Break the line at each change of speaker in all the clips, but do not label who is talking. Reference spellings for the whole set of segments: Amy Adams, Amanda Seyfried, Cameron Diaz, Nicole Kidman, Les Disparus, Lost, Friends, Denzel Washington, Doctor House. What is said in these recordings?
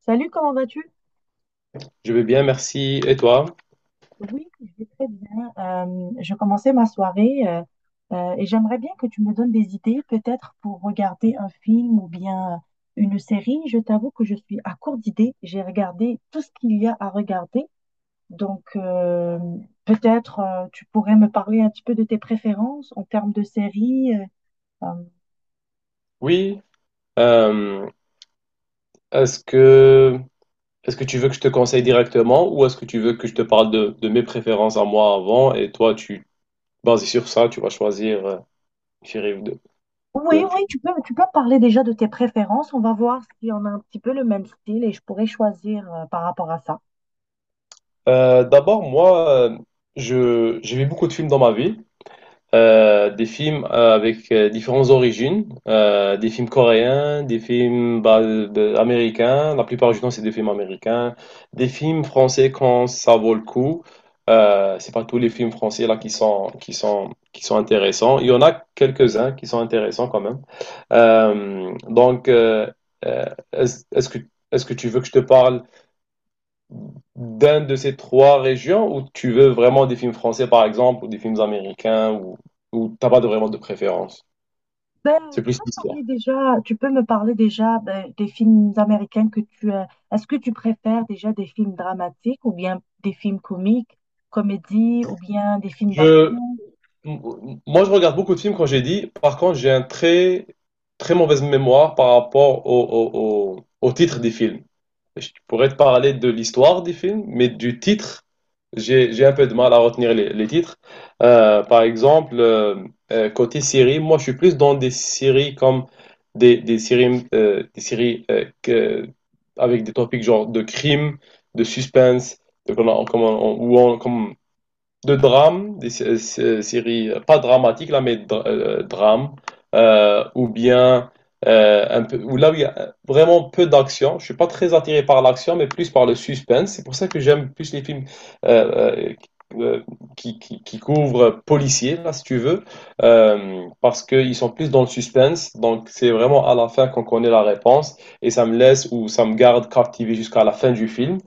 Salut, comment vas-tu?
Je vais bien, merci. Et toi?
Oui, je vais très bien. Je commençais ma soirée et j'aimerais bien que tu me donnes des idées, peut-être pour regarder un film ou bien une série. Je t'avoue que je suis à court d'idées. J'ai regardé tout ce qu'il y a à regarder. Donc, peut-être tu pourrais me parler un petit peu de tes préférences en termes de séries. Euh.
Oui. euh, est-ce que est-ce que tu veux que je te conseille directement ou est-ce que tu veux que je te parle de mes préférences à moi avant et toi, tu basé sur ça, tu vas choisir une série ou deux ou
Oui,
un
oui,
film.
tu peux me parler déjà de tes préférences. On va voir si on a un petit peu le même style et je pourrais choisir par rapport à ça.
D'abord, moi, je j'ai vu beaucoup de films dans ma vie. Des films avec différentes origines, des films coréens, des films américains, la plupart du temps c'est des films américains, des films français quand ça vaut le coup. C'est pas tous les films français là qui sont intéressants. Il y en a quelques-uns qui sont intéressants quand même. Donc euh, est-ce est-ce que est-ce que tu veux que je te parle d'un de ces trois régions ou tu veux vraiment des films français par exemple ou des films américains ou t'as pas vraiment de préférence?
Ben,
C'est
tu
plus
peux me
l'histoire.
parler déjà, tu peux me parler déjà ben, des films américains que tu as. Est-ce que tu préfères déjà des films dramatiques ou bien des films comiques, comédies ou bien des films
Je,
d'action?
Moi, je regarde beaucoup de films quand j'ai dit. Par contre, j'ai un très mauvaise mémoire par rapport au titre des films. Je pourrais te parler de l'histoire des films, mais du titre, j'ai un peu de mal à retenir les titres. Par exemple, côté série, moi je suis plus dans des séries comme des séries avec des topics genre de crime, de suspense, de, comment- comment on- où on, comme de drames, des séries pas dramatiques là, mais drames, ou bien un peu, ou là où il y a vraiment peu d'action. Je suis pas très attiré par l'action, mais plus par le suspense. C'est pour ça que j'aime plus les films euh, euh, euh, qui couvrent policiers, là, si tu veux, parce qu'ils sont plus dans le suspense. Donc c'est vraiment à la fin qu'on connaît la réponse, et ça me laisse ou ça me garde captivé jusqu'à la fin du film.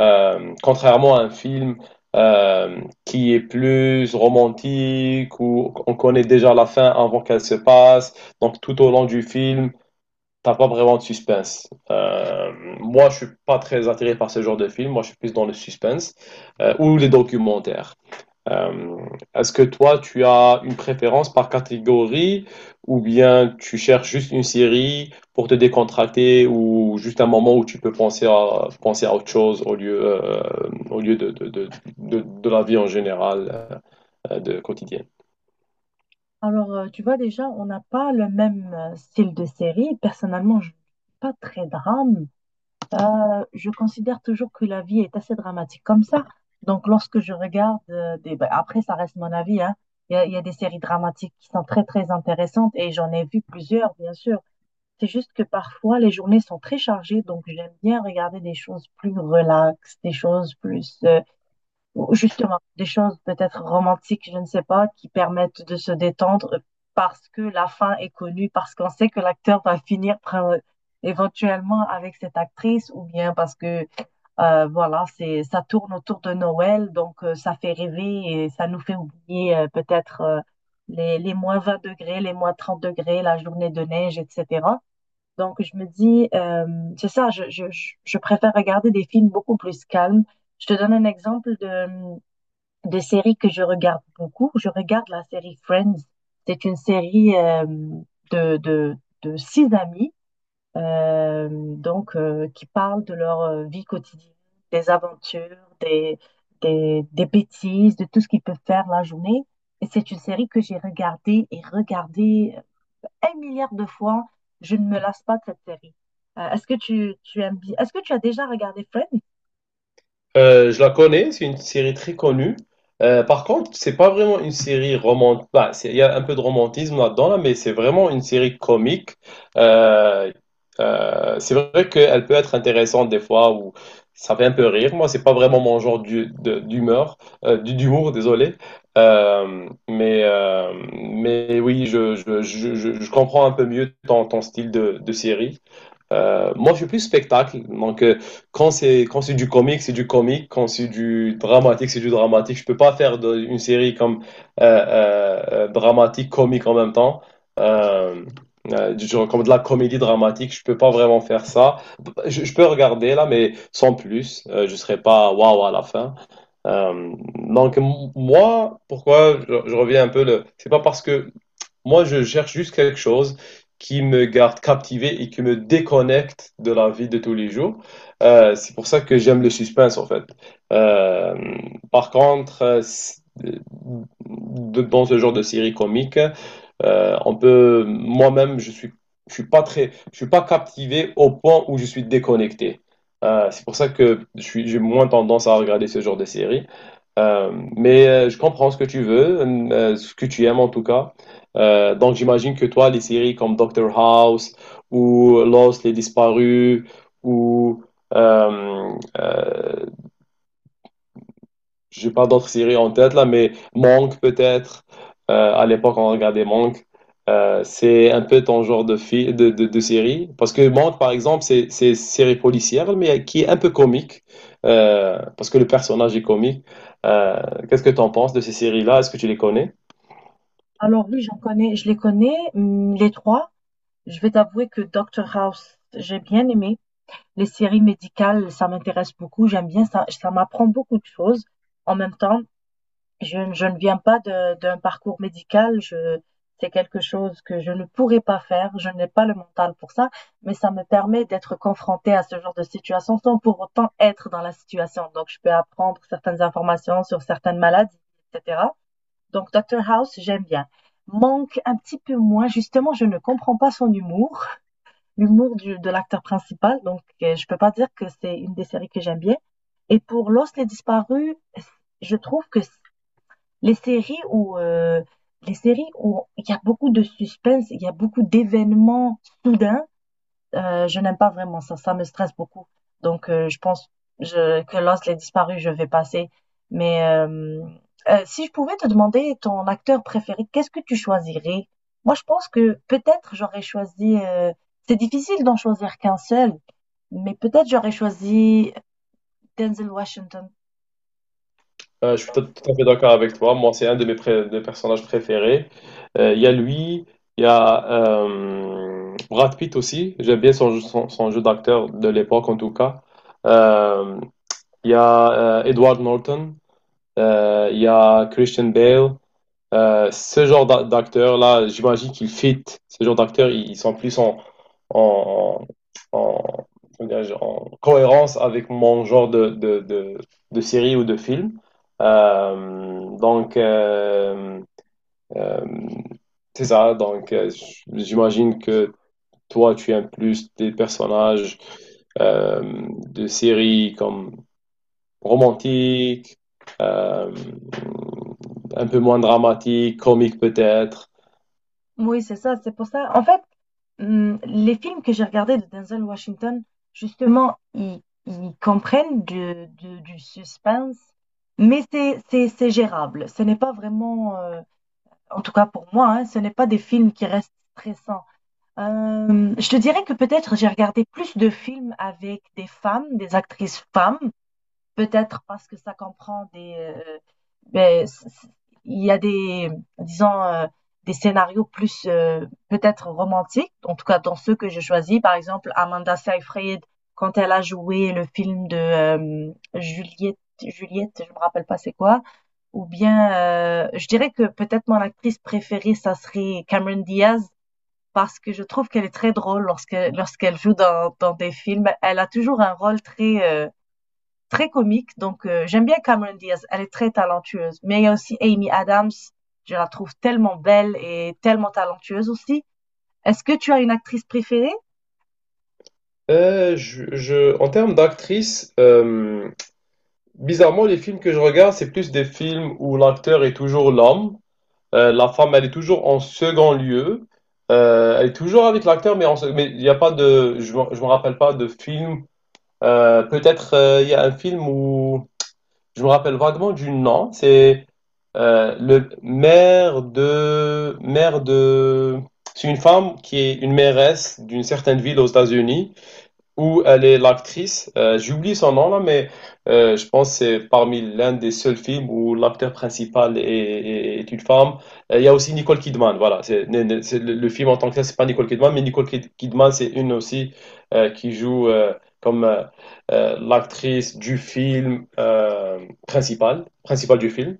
Contrairement à un film qui est plus romantique, où on connaît déjà la fin avant qu'elle se passe, donc tout au long du film, t'as pas vraiment de suspense. Moi, je suis pas très attiré par ce genre de film. Moi, je suis plus dans le suspense ou les documentaires. Euh, Est-ce que toi, tu as une préférence par catégorie ou bien tu cherches juste une série pour te décontracter ou juste un moment où tu peux penser à, penser à autre chose au lieu de la vie en général, de quotidienne?
Alors, tu vois déjà, on n'a pas le même style de série. Personnellement, je ne suis pas très drame. Je considère toujours que la vie est assez dramatique comme ça. Donc, lorsque je regarde ben, après, ça reste mon avis, hein. Il y a des séries dramatiques qui sont très, très intéressantes et j'en ai vu plusieurs, bien sûr. C'est juste que parfois, les journées sont très chargées, donc j'aime bien regarder des choses plus relaxes, des choses plus, ou justement, des choses peut-être romantiques, je ne sais pas, qui permettent de se détendre parce que la fin est connue, parce qu'on sait que l'acteur éventuellement avec cette actrice, ou bien parce que, voilà, c'est, ça tourne autour de Noël, donc ça fait rêver et ça nous fait oublier peut-être les -20 degrés, les -30 degrés, la journée de neige, etc. Donc, je me dis, c'est ça, je préfère regarder des films beaucoup plus calmes. Je te donne un exemple de série que je regarde beaucoup. Je regarde la série Friends. C'est une série de, de, de six amis euh, qui parlent de leur vie quotidienne, des aventures, des bêtises, de tout ce qu'ils peuvent faire la journée. Et c'est une série que j'ai regardée et regardée un milliard de fois. Je ne me lasse pas de cette série. Est-ce que tu aimes bien? Est-ce que tu as déjà regardé Friends?
Je la connais, c'est une série très connue. Par contre, c'est pas vraiment une série romantique. Il y a un peu de romantisme là-dedans, là, mais c'est vraiment une série comique. Euh, c'est vrai qu'elle peut être intéressante des fois où ça fait un peu rire. Moi, c'est pas vraiment mon genre d'humeur, d'humour, désolé. Mais mais oui, je comprends un peu mieux ton, ton style de série. Moi, je suis plus spectacle. Donc, quand c'est du comique, c'est du comique. Quand c'est du dramatique, c'est du dramatique. Je peux pas faire de- une série comme dramatique comique en même temps. Euh, du genre comme de la comédie dramatique, je peux pas vraiment faire ça. Je peux regarder là, mais sans plus. Je serai pas waouh à la fin. Donc moi, pourquoi je reviens un peu le. C'est pas parce que moi, je cherche juste quelque chose qui me garde captivé et qui me déconnecte de la vie de tous les jours. C'est pour ça que j'aime le suspense, en fait. Euh, par contre, dans ce genre de série comique, on peut, moi-même, je suis pas très, je suis pas captivé au point où je suis déconnecté. C'est pour ça que j'ai moins tendance à regarder ce genre de série. Mais je comprends ce que tu veux, ce que tu aimes en tout cas. Donc j'imagine que toi, les séries comme Doctor House ou Lost, Les Disparus ou euh, euh, j'ai pas d'autres séries en tête là, mais Monk peut-être. À l'époque, on regardait Monk. C'est un peu ton genre de de série. Parce que Monk, par exemple, c'est une série policière, mais qui est un peu comique, parce que le personnage est comique. Euh, Qu'est-ce que tu en penses de ces séries-là? Est-ce que tu les connais?
Alors oui, je les connais, les trois. Je vais t'avouer que Doctor House, j'ai bien aimé. Les séries médicales, ça m'intéresse beaucoup. J'aime bien ça. Ça m'apprend beaucoup de choses. En même temps, je ne viens pas d'un parcours médical, je, c'est quelque chose que je ne pourrais pas faire, je n'ai pas le mental pour ça, mais ça me permet d'être confrontée à ce genre de situation sans pour autant être dans la situation. Donc, je peux apprendre certaines informations sur certaines maladies, etc. Donc, Dr. House, j'aime bien. Manque un petit peu moins, justement, je ne comprends pas son humour, l'humour de l'acteur principal, donc je peux pas dire que c'est une des séries que j'aime bien. Et pour Lost les disparus, je trouve que les séries où, heu, les séries où il y a beaucoup de suspense, il y a beaucoup d'événements soudains, je n'aime pas vraiment ça, ça me stresse beaucoup. Donc je pense je que Lost, Les Disparus, je vais passer. Mais si je pouvais te demander ton acteur préféré, qu'est-ce que tu choisirais? Moi, je pense que peut-être c'est difficile d'en choisir qu'un seul, mais peut-être j'aurais choisi Denzel Washington.
Je suis tout à fait d'accord avec toi. Moi, c'est un de mes, pré- de personnages préférés. Il y a lui, il y a Brad Pitt aussi. J'aime bien son jeu d'acteur de l'époque, en tout cas. Euh, Il y a Edward Norton. Il y a Christian Bale. Ce genre d'acteur-là, j'imagine qu'ils fit. Ce genre d'acteurs, ils sont plus en, en comment dirais-je, en cohérence avec mon genre de série ou de film. Donc, euh, c'est ça. Donc, j'imagine que toi, tu aimes plus des personnages euh, de séries comme romantique, euh, un peu moins dramatique, comique peut-être.
Oui, c'est ça, c'est pour ça. En fait, les films que j'ai regardés de Denzel Washington, justement, ils comprennent du suspense, mais c'est gérable. Ce n'est pas vraiment, en tout cas pour moi, hein, ce n'est pas des films qui restent stressants. Je te dirais que peut-être j'ai regardé plus de films avec des femmes, des actrices femmes, peut-être parce que ça comprend ben, il y a des, disons, des scénarios plus peut-être romantiques, en tout cas dans ceux que je choisis. Par exemple, Amanda Seyfried, quand elle a joué le film de Juliette, je me rappelle pas c'est quoi. Ou bien, je dirais que peut-être mon actrice préférée, ça serait Cameron Diaz, parce que je trouve qu'elle est très drôle lorsqu'elle joue dans des films. Elle a toujours un rôle très comique. Donc, j'aime bien Cameron Diaz. Elle est très talentueuse. Mais il y a aussi Amy Adams. Je la trouve tellement belle et tellement talentueuse aussi. Est-ce que tu as une actrice préférée?
Je- en termes d'actrice, bizarrement, les films que je regarde, c'est plus des films où l'acteur est toujours l'homme. La femme, elle est toujours en second lieu. Elle est toujours avec l'acteur, mais en se- mais il n'y a pas de, je me rappelle pas de film. Peut-être il y a un film où je me rappelle vaguement du nom. C'est le maire de, c'est une femme qui est une mairesse d'une certaine ville aux États-Unis où elle est l'actrice. J'oublie son nom là, mais je pense que c'est parmi l'un des seuls films où l'acteur principal est une femme. Il y a aussi Nicole Kidman, voilà. C'est, ne- ne- C'est le film en tant que tel, c'est pas Nicole Kidman, mais Kidman, c'est une aussi qui joue comme l'actrice du film principal du film.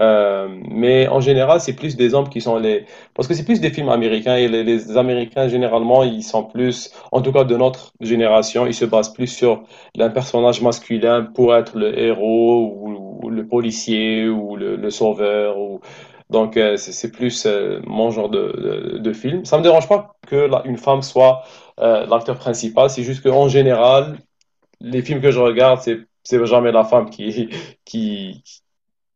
Mais en général, c'est plus des hommes qui sont les... Parce que c'est plus des films américains et les Américains, généralement, ils sont plus... En tout cas, de notre génération, il se base plus sur un personnage masculin pour être le héros ou le policier ou le sauveur. Ou... Donc, c'est plus mon genre de film. Ça me dérange pas que la- une femme soit l'acteur principal. C'est juste qu'en général, les films que je regarde, c'est jamais la femme qui qui,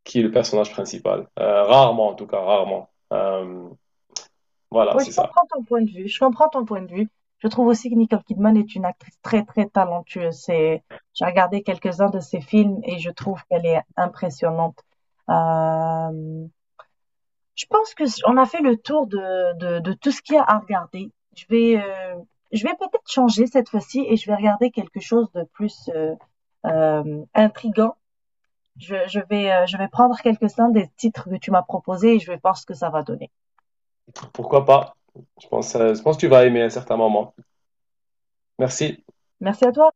qui est le personnage principal. Rarement, en tout cas, rarement. Voilà,
Oui, je
c'est ça.
comprends ton point de vue. Je comprends ton point de vue. Je trouve aussi que Nicole Kidman est une actrice très, très talentueuse. C'est, j'ai regardé quelques-uns de ses films et je trouve qu'elle est impressionnante. Euh, Je pense que on a fait le tour de tout ce qu'il y a à regarder. Je vais peut-être changer cette fois-ci et je vais regarder quelque chose de plus euh, intriguant. Je vais prendre quelques-uns des titres que tu m'as proposés et je vais voir ce que ça va donner.
Pourquoi pas? Je pense que tu vas aimer à certains moments. Merci.
Merci à toi.